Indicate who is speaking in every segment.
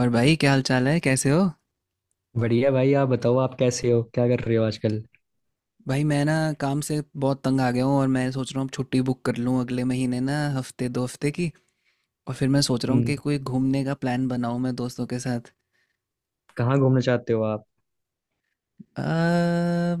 Speaker 1: और भाई क्या हाल चाल है, कैसे हो?
Speaker 2: बढ़िया भाई। आप बताओ, आप कैसे हो, क्या कर रहे हो आजकल।
Speaker 1: भाई मैं ना काम से बहुत तंग आ गया हूँ और मैं सोच रहा हूँ अब छुट्टी बुक कर लूँ अगले महीने ना, हफ्ते 2 हफ्ते की। और फिर मैं सोच रहा हूँ
Speaker 2: हम्म।
Speaker 1: कि कोई घूमने का प्लान बनाऊँ मैं दोस्तों के साथ।
Speaker 2: कहाँ घूमना चाहते हो आप।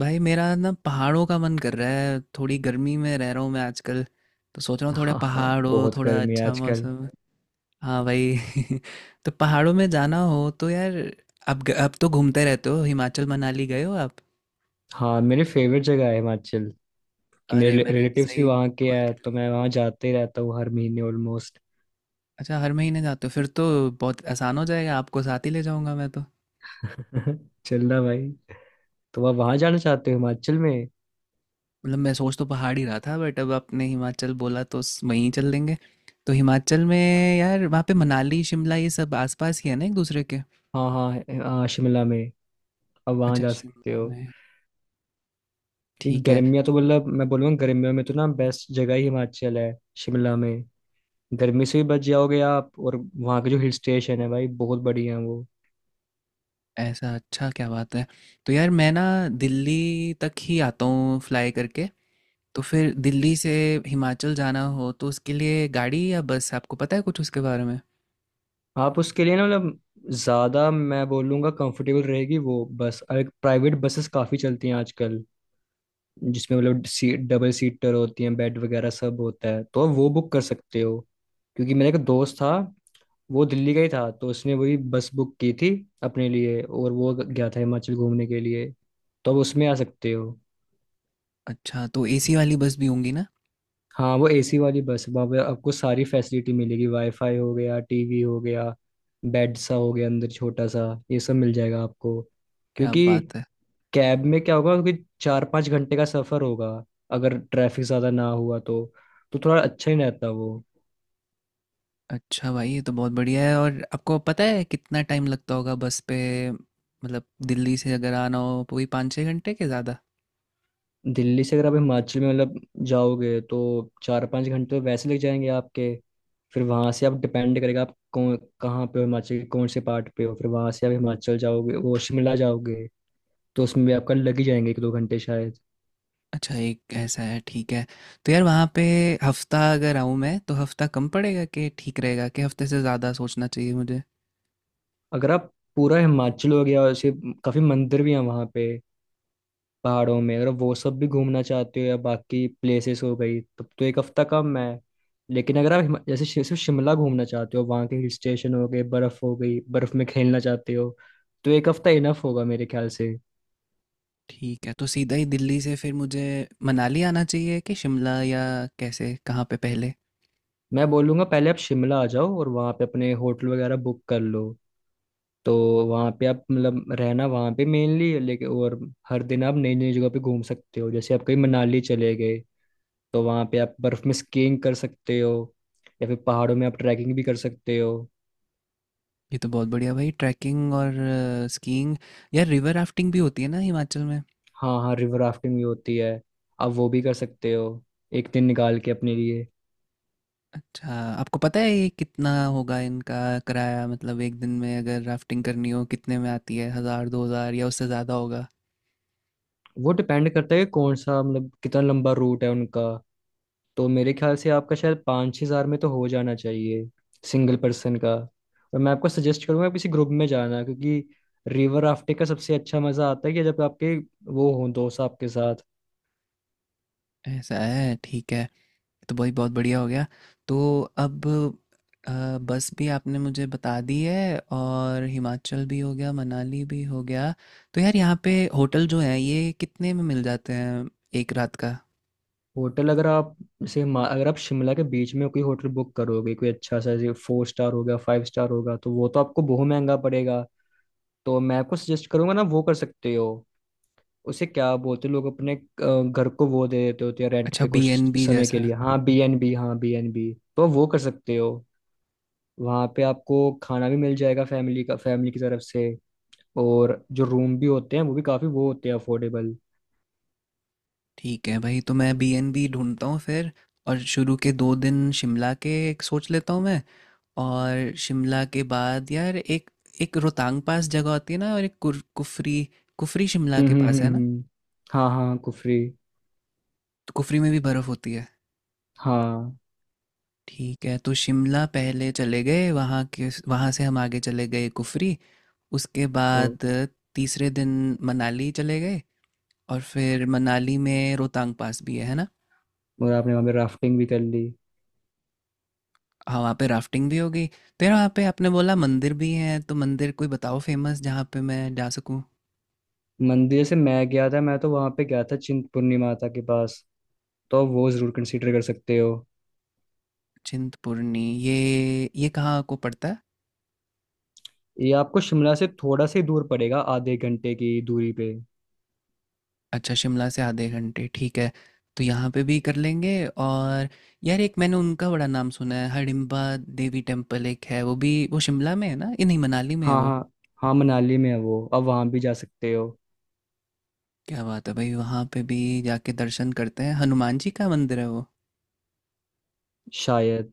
Speaker 1: भाई मेरा ना पहाड़ों का मन कर रहा है, थोड़ी गर्मी में रह रहा हूँ मैं आजकल। तो सोच रहा हूँ थोड़ा
Speaker 2: हाँ हाँ,
Speaker 1: पहाड़ हो,
Speaker 2: बहुत
Speaker 1: थोड़ा
Speaker 2: गर्मी है
Speaker 1: अच्छा
Speaker 2: आजकल।
Speaker 1: मौसम। हाँ भाई तो पहाड़ों में जाना हो तो यार, अब तो घूमते रहते हो, हिमाचल मनाली गए हो आप?
Speaker 2: हाँ, मेरी फेवरेट जगह है हिमाचल। कि
Speaker 1: अरे
Speaker 2: मेरे
Speaker 1: मैंने
Speaker 2: रिलेटिव्स भी
Speaker 1: सही
Speaker 2: वहाँ के
Speaker 1: कॉल
Speaker 2: हैं
Speaker 1: कर
Speaker 2: तो
Speaker 1: ली।
Speaker 2: मैं वहाँ जाते ही रहता हूँ हर महीने ऑलमोस्ट।
Speaker 1: अच्छा, हर महीने जाते हो फिर तो। बहुत आसान हो जाएगा, आपको साथ ही ले जाऊंगा मैं तो।
Speaker 2: चलना भाई। तो आप वहाँ जाना चाहते हो हिमाचल में।
Speaker 1: मतलब मैं सोच तो पहाड़ ही रहा था, बट अब आपने हिमाचल बोला तो वहीं चल देंगे। तो हिमाचल में, यार वहाँ पे मनाली शिमला ये सब आसपास ही है ना एक दूसरे के?
Speaker 2: हाँ हाँ। हाँ शिमला में आप वहाँ
Speaker 1: अच्छा
Speaker 2: जा सकते
Speaker 1: शिमला
Speaker 2: हो।
Speaker 1: में।
Speaker 2: कि
Speaker 1: ठीक है।
Speaker 2: गर्मियाँ तो मतलब मैं बोलूँगा गर्मियों में तो ना बेस्ट जगह ही हिमाचल है। शिमला में गर्मी से भी बच जाओगे आप, और वहाँ के जो हिल स्टेशन है भाई बहुत बढ़िया है वो।
Speaker 1: ऐसा? अच्छा, क्या बात है। तो यार मैं ना दिल्ली तक ही आता हूँ फ्लाई करके। तो फिर दिल्ली से हिमाचल जाना हो तो उसके लिए गाड़ी या बस, आपको पता है कुछ उसके बारे में?
Speaker 2: आप उसके लिए ना मतलब ज़्यादा मैं बोलूँगा कंफर्टेबल रहेगी वो बस। और एक प्राइवेट बसेस काफ़ी चलती हैं आजकल, जिसमें मतलब सीट डबल सीटर होती हैं, बेड वगैरह सब होता है, तो आप वो बुक कर सकते हो। क्योंकि मेरा एक दोस्त था, वो दिल्ली का ही था, तो उसने वही बस बुक की थी अपने लिए, और वो गया था हिमाचल घूमने के लिए। तो आप उसमें आ सकते हो।
Speaker 1: अच्छा, तो एसी वाली बस भी होंगी ना?
Speaker 2: हाँ, वो एसी वाली बस वहाँ पे आपको सारी फैसिलिटी मिलेगी, वाईफाई हो गया, टीवी हो गया, बेड सा हो गया अंदर छोटा सा। ये सब मिल जाएगा आपको।
Speaker 1: क्या
Speaker 2: क्योंकि
Speaker 1: बात है।
Speaker 2: कैब में क्या होगा, क्योंकि चार पाँच घंटे का सफ़र होगा अगर ट्रैफिक ज़्यादा ना हुआ तो। तो थोड़ा अच्छा ही रहता वो।
Speaker 1: अच्छा भाई ये तो बहुत बढ़िया है, और आपको पता है कितना टाइम लगता होगा बस पे? मतलब दिल्ली से अगर आना हो तो वही 5-6 घंटे के ज़्यादा?
Speaker 2: दिल्ली से अगर आप हिमाचल में मतलब जाओगे, तो चार पाँच घंटे तो वैसे लग जाएंगे आपके। फिर वहाँ से आप डिपेंड करेगा आप कौन कहाँ पे हो, हिमाचल के कौन से पार्ट पे हो, फिर वहाँ से आप हिमाचल जाओगे वो शिमला जाओगे, तो उसमें भी आपका लग ही जाएंगे एक दो घंटे शायद।
Speaker 1: अच्छा, एक ऐसा है। ठीक है। तो यार वहाँ पे हफ्ता अगर आऊँ मैं तो हफ्ता कम पड़ेगा, कि ठीक रहेगा, कि हफ्ते से ज़्यादा सोचना चाहिए मुझे?
Speaker 2: अगर आप पूरा हिमाचल हो गया और ऐसे काफ़ी मंदिर भी हैं वहाँ पे पहाड़ों में, अगर आप वो सब भी घूमना चाहते हो या बाकी प्लेसेस हो गई, तब तो एक हफ्ता कम है। लेकिन अगर आप जैसे सिर्फ शिमला घूमना चाहते हो, वहाँ के हिल स्टेशन हो गए, बर्फ़ हो गई, बर्फ़ में खेलना चाहते हो, तो एक हफ्ता इनफ होगा मेरे ख्याल से।
Speaker 1: ठीक है, तो सीधा ही दिल्ली से फिर मुझे मनाली आना चाहिए कि शिमला, या कैसे, कहाँ पे पहले?
Speaker 2: मैं बोलूँगा पहले आप शिमला आ जाओ और वहाँ पे अपने होटल वगैरह बुक कर लो। तो वहाँ पे आप मतलब रहना वहाँ पे मेनली, लेकिन और हर दिन आप नई नई जगह पे घूम सकते हो। जैसे आप कहीं मनाली चले गए तो वहाँ पे आप बर्फ में स्कीइंग कर सकते हो, या फिर पहाड़ों में आप ट्रैकिंग भी कर सकते हो।
Speaker 1: ये तो बहुत बढ़िया भाई, ट्रैकिंग और स्कीइंग। यार रिवर राफ्टिंग भी होती है ना हिमाचल?
Speaker 2: हाँ हाँ, रिवर राफ्टिंग भी होती है। आप वो भी कर सकते हो एक दिन निकाल के अपने लिए।
Speaker 1: अच्छा, आपको पता है ये कितना होगा इनका किराया, मतलब एक दिन में अगर राफ्टिंग करनी हो कितने में आती है, हज़ार दो हज़ार या उससे ज़्यादा होगा?
Speaker 2: वो डिपेंड करता है कि कौन सा मतलब कितना लंबा रूट है उनका। तो मेरे ख्याल से आपका शायद पाँच छः हज़ार में तो हो जाना चाहिए, सिंगल पर्सन का। और मैं आपको सजेस्ट करूँगा किसी ग्रुप में जाना, क्योंकि रिवर राफ्टिंग का सबसे अच्छा मज़ा आता है कि जब आपके वो हों दोस्त आपके साथ।
Speaker 1: ऐसा है, ठीक है। तो भाई बहुत बढ़िया हो गया। तो अब अ, बस भी आपने मुझे बता दी है, और हिमाचल भी हो गया, मनाली भी हो गया। तो यार यहाँ पे होटल जो है, ये कितने में मिल जाते हैं एक रात का?
Speaker 2: होटल अगर आप जैसे अगर आप शिमला के बीच में कोई होटल बुक करोगे, कोई अच्छा सा जैसे फोर स्टार होगा फाइव स्टार होगा, तो वो तो आपको बहुत महंगा पड़ेगा। तो मैं आपको सजेस्ट करूंगा ना, वो कर सकते हो। उसे क्या बोलते हैं लोग अपने घर को वो दे देते होते हैं रेंट
Speaker 1: अच्छा,
Speaker 2: पे
Speaker 1: बी एन
Speaker 2: कुछ
Speaker 1: बी
Speaker 2: समय के
Speaker 1: जैसा।
Speaker 2: लिए, हाँ बीएनबी, हाँ बीएनबी, तो वो कर सकते हो। वहाँ पे आपको खाना भी मिल जाएगा फैमिली का, फैमिली की तरफ से। और जो रूम भी होते हैं वो भी काफी वो होते हैं अफोर्डेबल।
Speaker 1: ठीक है भाई, तो मैं बी एन बी ढूंढता हूँ फिर। और शुरू के 2 दिन शिमला के एक सोच लेता हूँ मैं। और शिमला के बाद यार एक एक रोहतांग पास जगह होती है ना, और एक कुफरी। कुफरी शिमला
Speaker 2: हम्म
Speaker 1: के
Speaker 2: हम्म
Speaker 1: पास
Speaker 2: हम्म
Speaker 1: है ना?
Speaker 2: हम्म। हाँ हाँ कुफरी।
Speaker 1: तो कुफरी में भी बर्फ़ होती है।
Speaker 2: हाँ।
Speaker 1: ठीक है, तो शिमला पहले चले गए, वहाँ से हम आगे चले गए कुफरी। उसके
Speaker 2: ओ,
Speaker 1: बाद तीसरे दिन मनाली चले गए, और फिर मनाली में रोहतांग पास भी है ना?
Speaker 2: और आपने वहाँ पे राफ्टिंग भी कर ली।
Speaker 1: हाँ वहाँ पे राफ्टिंग भी हो गई, तो यार वहाँ पे आपने बोला मंदिर भी हैं, तो मंदिर कोई बताओ फेमस जहाँ पे मैं जा सकूँ?
Speaker 2: मंदिर जैसे मैं गया था, मैं तो वहाँ पे गया था चिंतपूर्णी माता के पास। तो वो जरूर कंसीडर कर सकते हो।
Speaker 1: चिंतपूर्णी? ये कहाँ को पड़ता है?
Speaker 2: ये आपको शिमला से थोड़ा से दूर पड़ेगा, आधे घंटे की दूरी पे।
Speaker 1: अच्छा, शिमला से आधे घंटे, ठीक है। तो यहाँ पे भी कर लेंगे। और यार एक मैंने उनका बड़ा नाम सुना है, हडिम्बा देवी टेम्पल, एक है वो भी। वो शिमला में है ना? ये नहीं, मनाली में है
Speaker 2: हाँ
Speaker 1: वो?
Speaker 2: हाँ। हाँ मनाली में है वो, अब वहाँ भी जा सकते हो।
Speaker 1: क्या बात है भाई, वहाँ पे भी जाके दर्शन करते हैं। हनुमान जी का मंदिर है वो।
Speaker 2: शायद।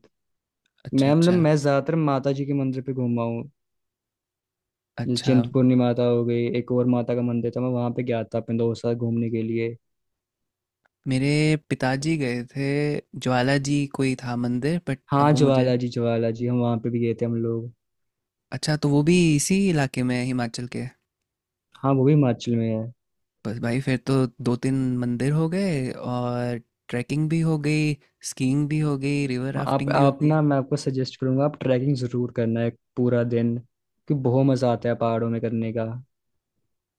Speaker 1: अच्छा,
Speaker 2: मैं मतलब
Speaker 1: अच्छा,
Speaker 2: मैं ज़्यादातर माता जी के मंदिर पे घूमा हूँ। जैसे
Speaker 1: अच्छा।
Speaker 2: चिंतपूर्णी माता हो गई, एक और माता का मंदिर था मैं वहाँ पे गया था अपने दोस्त के साथ घूमने के लिए।
Speaker 1: मेरे पिताजी गए थे, ज्वाला जी कोई था मंदिर, बट अब
Speaker 2: हाँ
Speaker 1: वो मुझे।
Speaker 2: ज्वाला जी, ज्वाला जी हम वहाँ पे भी गए थे हम लोग।
Speaker 1: अच्छा, तो वो भी इसी इलाके में है, हिमाचल के?
Speaker 2: हाँ वो भी हिमाचल में है।
Speaker 1: बस भाई, फिर तो दो तीन मंदिर हो गए, और ट्रैकिंग भी हो गई, स्कीइंग भी हो गई, रिवर
Speaker 2: आप
Speaker 1: राफ्टिंग भी हो
Speaker 2: आप
Speaker 1: गई।
Speaker 2: ना मैं आपको सजेस्ट करूँगा आप ट्रैकिंग ज़रूर करना है पूरा दिन, क्योंकि बहुत मज़ा आता है पहाड़ों में करने का।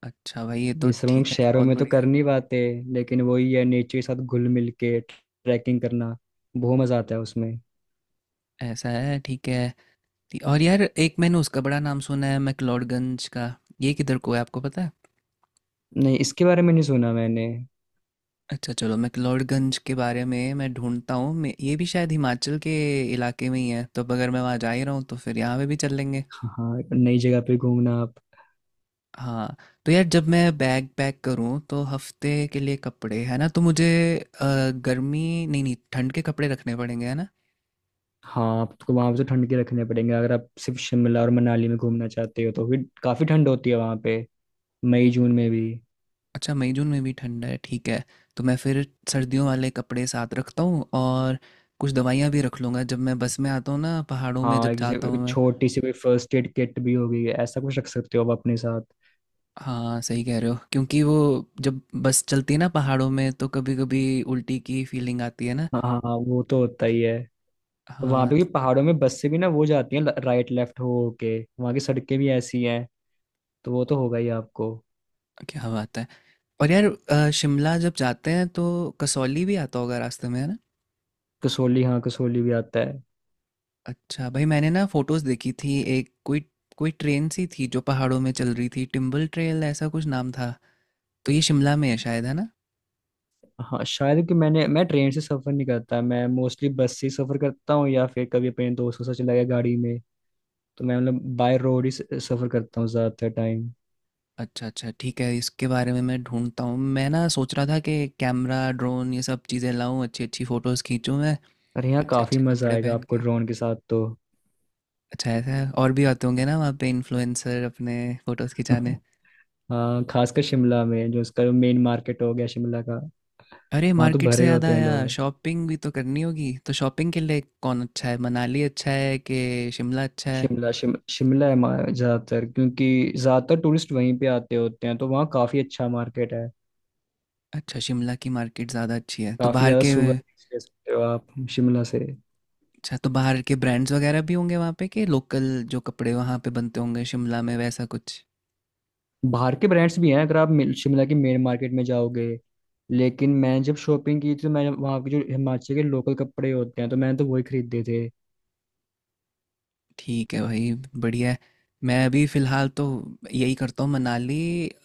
Speaker 1: अच्छा भाई ये तो
Speaker 2: ये सब हम लोग
Speaker 1: ठीक है,
Speaker 2: शहरों
Speaker 1: बहुत
Speaker 2: में तो
Speaker 1: बढ़िया
Speaker 2: कर
Speaker 1: है।
Speaker 2: नहीं पाते, लेकिन वही है नेचर के साथ घुल मिल के ट्रैकिंग करना, बहुत मजा आता है उसमें।
Speaker 1: ऐसा है, ठीक है। और यार एक मैंने उसका बड़ा नाम सुना है, मैक्लोडगंज का। ये किधर को है, आपको पता है?
Speaker 2: नहीं, इसके बारे में नहीं सुना मैंने।
Speaker 1: अच्छा, चलो, मैक्लोडगंज के बारे में मैं ढूंढता हूँ। ये भी शायद हिमाचल के इलाके में ही है, तो अब अगर मैं वहाँ जा ही रहा हूँ तो फिर यहाँ पे भी चल लेंगे।
Speaker 2: हाँ हाँ, नई जगह पे घूमना आप।
Speaker 1: हाँ। तो यार जब मैं बैग पैक करूँ तो हफ्ते के लिए कपड़े है ना, तो मुझे अ, गर्मी नहीं, नहीं, ठंड के कपड़े रखने पड़ेंगे है ना?
Speaker 2: हाँ, आपको वहाँ पे तो ठंड के रखने पड़ेंगे, अगर आप सिर्फ शिमला और मनाली में घूमना चाहते हो तो फिर काफ़ी ठंड होती है वहाँ पे मई जून में भी।
Speaker 1: अच्छा, मई जून में भी ठंड है, ठीक है। तो मैं फिर सर्दियों वाले कपड़े साथ रखता हूँ, और कुछ दवाइयाँ भी रख लूँगा, जब मैं बस में आता हूँ ना पहाड़ों में,
Speaker 2: हाँ,
Speaker 1: जब
Speaker 2: एक जैसे
Speaker 1: जाता हूँ
Speaker 2: एक
Speaker 1: मैं।
Speaker 2: छोटी सी कोई फर्स्ट एड किट भी होगी, ऐसा कुछ रख सकते हो आप अपने साथ।
Speaker 1: हाँ सही कह रहे हो, क्योंकि वो जब बस चलती है ना पहाड़ों में तो कभी कभी उल्टी की फीलिंग आती है ना।
Speaker 2: हाँ हाँ हाँ, वो तो होता ही है। वहां
Speaker 1: हाँ
Speaker 2: पे भी
Speaker 1: तो।
Speaker 2: पहाड़ों में बस से भी ना वो जाती है राइट लेफ्ट हो के, वहां की सड़कें भी ऐसी हैं, तो वो तो होगा ही आपको।
Speaker 1: क्या बात है। और यार शिमला जब जाते हैं तो कसौली भी आता होगा रास्ते में, है ना?
Speaker 2: कसोली, हाँ कसोली भी आता है।
Speaker 1: अच्छा भाई, मैंने ना फोटोज देखी थी, एक कोई कोई ट्रेन सी थी जो पहाड़ों में चल रही थी, टिम्बल ट्रेल ऐसा कुछ नाम था। तो ये शिमला में है शायद, है ना?
Speaker 2: हाँ शायद। कि मैंने मैं ट्रेन से सफर नहीं करता, मैं मोस्टली बस से ही सफर करता हूँ, या फिर कभी अपने दोस्तों से चला गया गाड़ी में। तो मैं मतलब बाय रोड ही सफर करता हूँ ज्यादातर टाइम।
Speaker 1: अच्छा, अच्छा, ठीक है, इसके बारे में मैं ढूंढता हूँ। मैं ना सोच रहा था कि कैमरा, ड्रोन, ये सब चीज़ें लाऊं, अच्छी अच्छी फोटोज खींचूं मैं।
Speaker 2: अरे यहाँ
Speaker 1: अच्छे
Speaker 2: काफी
Speaker 1: अच्छे
Speaker 2: मजा
Speaker 1: कपड़े
Speaker 2: आएगा
Speaker 1: पहन
Speaker 2: आपको
Speaker 1: के।
Speaker 2: ड्रोन के साथ तो।
Speaker 1: अच्छा ऐसा है? और भी आते होंगे ना वहाँ पे इन्फ्लुएंसर अपने फोटोज खिंचाने?
Speaker 2: हाँ, खासकर शिमला में जो उसका मेन मार्केट हो गया शिमला का।
Speaker 1: अरे
Speaker 2: वहां तो
Speaker 1: मार्केट से
Speaker 2: भरे
Speaker 1: याद
Speaker 2: होते हैं
Speaker 1: आया,
Speaker 2: लोग।
Speaker 1: शॉपिंग भी तो करनी होगी। तो शॉपिंग के लिए कौन अच्छा है, मनाली अच्छा है कि शिमला अच्छा है?
Speaker 2: शिमला शिमला है ज्यादातर, क्योंकि ज्यादातर टूरिस्ट वहीं पे आते होते हैं तो वहाँ काफी अच्छा मार्केट है।
Speaker 1: अच्छा, शिमला की मार्केट ज़्यादा अच्छी है? तो
Speaker 2: काफी
Speaker 1: बाहर
Speaker 2: ज्यादा
Speaker 1: के,
Speaker 2: सोवेनिर्स ले सकते हो आप शिमला से।
Speaker 1: अच्छा, तो बाहर के ब्रांड्स वगैरह भी होंगे वहाँ पे, कि लोकल जो कपड़े वहाँ पे बनते होंगे शिमला में, वैसा कुछ?
Speaker 2: बाहर के ब्रांड्स भी हैं अगर आप शिमला के मेन मार्केट में जाओगे। लेकिन मैं जब शॉपिंग की थी तो मैंने वहाँ के जो हिमाचल के लोकल कपड़े होते हैं तो मैंने तो वही खरीदे थे।
Speaker 1: ठीक है भाई, बढ़िया है। मैं अभी फ़िलहाल तो यही करता हूँ, मनाली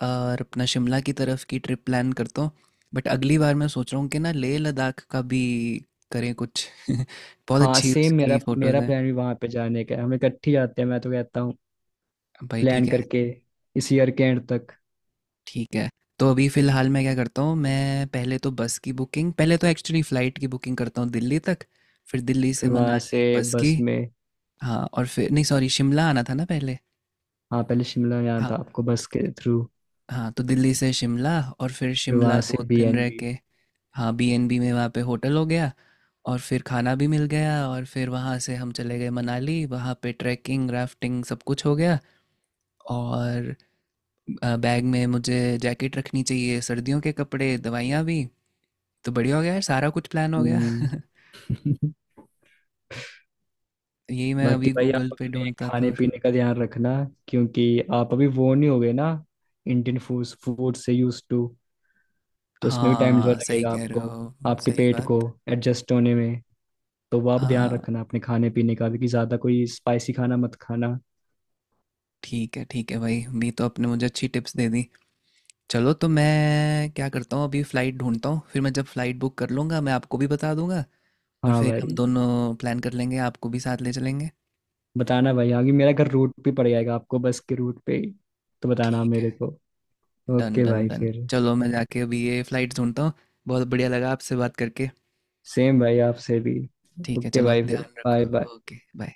Speaker 1: और अपना शिमला की तरफ की ट्रिप प्लान करता हूँ, बट अगली बार मैं सोच रहा हूँ कि ना लेह लद्दाख का भी करें कुछ बहुत
Speaker 2: हाँ
Speaker 1: अच्छी
Speaker 2: सेम,
Speaker 1: उसकी
Speaker 2: मेरा
Speaker 1: फ़ोटोज़।
Speaker 2: मेरा प्लान भी वहाँ पे जाने का है, हम इकट्ठे ही जाते हैं मैं तो कहता हूँ,
Speaker 1: भाई
Speaker 2: प्लान
Speaker 1: ठीक है।
Speaker 2: करके इस ईयर के एंड तक।
Speaker 1: ठीक है, तो अभी फ़िलहाल मैं क्या करता हूँ, मैं पहले तो बस की बुकिंग, पहले तो एक्चुअली फ़्लाइट की बुकिंग करता हूँ दिल्ली तक। फिर दिल्ली से
Speaker 2: फिर वहाँ से
Speaker 1: मनाली बस की।
Speaker 2: बस में।
Speaker 1: हाँ, और फिर नहीं, सॉरी, शिमला आना था ना पहले।
Speaker 2: हाँ पहले शिमला में जाना
Speaker 1: हाँ।
Speaker 2: था आपको बस के थ्रू।
Speaker 1: हाँ, तो दिल्ली से शिमला, और फिर
Speaker 2: फिर
Speaker 1: शिमला
Speaker 2: वहां से
Speaker 1: दो
Speaker 2: बी
Speaker 1: दिन
Speaker 2: एन
Speaker 1: रह
Speaker 2: बी।
Speaker 1: के। हाँ, बीएनबी में वहाँ पे होटल हो गया, और फिर खाना भी मिल गया, और फिर वहाँ से हम चले गए मनाली, वहाँ पे ट्रैकिंग, राफ्टिंग सब कुछ हो गया। और बैग में मुझे जैकेट रखनी चाहिए, सर्दियों के कपड़े, दवाइयाँ भी। तो बढ़िया हो गया यार, सारा कुछ प्लान हो गया
Speaker 2: हम्म।
Speaker 1: यही मैं
Speaker 2: बाकी
Speaker 1: अभी
Speaker 2: भाई आप
Speaker 1: गूगल पे
Speaker 2: अपने
Speaker 1: ढूंढता
Speaker 2: खाने
Speaker 1: तो।
Speaker 2: पीने का ध्यान रखना। क्योंकि आप अभी वो नहीं हो गए ना इंडियन फूड फूड से यूज टू। तो उसमें भी टाइम थोड़ा
Speaker 1: हाँ सही
Speaker 2: लगेगा
Speaker 1: कह रहे
Speaker 2: आपको,
Speaker 1: हो।
Speaker 2: आपके
Speaker 1: सही
Speaker 2: पेट
Speaker 1: बात।
Speaker 2: को एडजस्ट होने में। तो वो आप ध्यान
Speaker 1: हाँ,
Speaker 2: रखना अपने खाने पीने का भी, कि ज़्यादा कोई स्पाइसी खाना मत खाना।
Speaker 1: ठीक है, ठीक है भाई, भी तो आपने मुझे अच्छी टिप्स दे दी। चलो, तो मैं क्या करता हूँ, अभी फ़्लाइट ढूंढता हूँ, फिर मैं जब फ़्लाइट बुक कर लूँगा मैं आपको भी बता दूंगा। और
Speaker 2: हाँ
Speaker 1: फिर हम
Speaker 2: भाई।
Speaker 1: दोनों प्लान कर लेंगे, आपको भी साथ ले चलेंगे।
Speaker 2: बताना भाई, आगे मेरा घर रूट पे पड़ जाएगा आपको, बस के रूट पे ही, तो बताना आप
Speaker 1: ठीक है।
Speaker 2: मेरे को।
Speaker 1: डन
Speaker 2: ओके
Speaker 1: डन
Speaker 2: भाई
Speaker 1: डन,
Speaker 2: फिर।
Speaker 1: चलो मैं जाके अभी ये फ़्लाइट ढूंढता हूँ। बहुत बढ़िया लगा आपसे बात करके।
Speaker 2: सेम भाई आपसे भी।
Speaker 1: ठीक है,
Speaker 2: ओके
Speaker 1: चलो
Speaker 2: भाई फिर,
Speaker 1: ध्यान
Speaker 2: बाय
Speaker 1: रखो।
Speaker 2: बाय।
Speaker 1: Okay bye.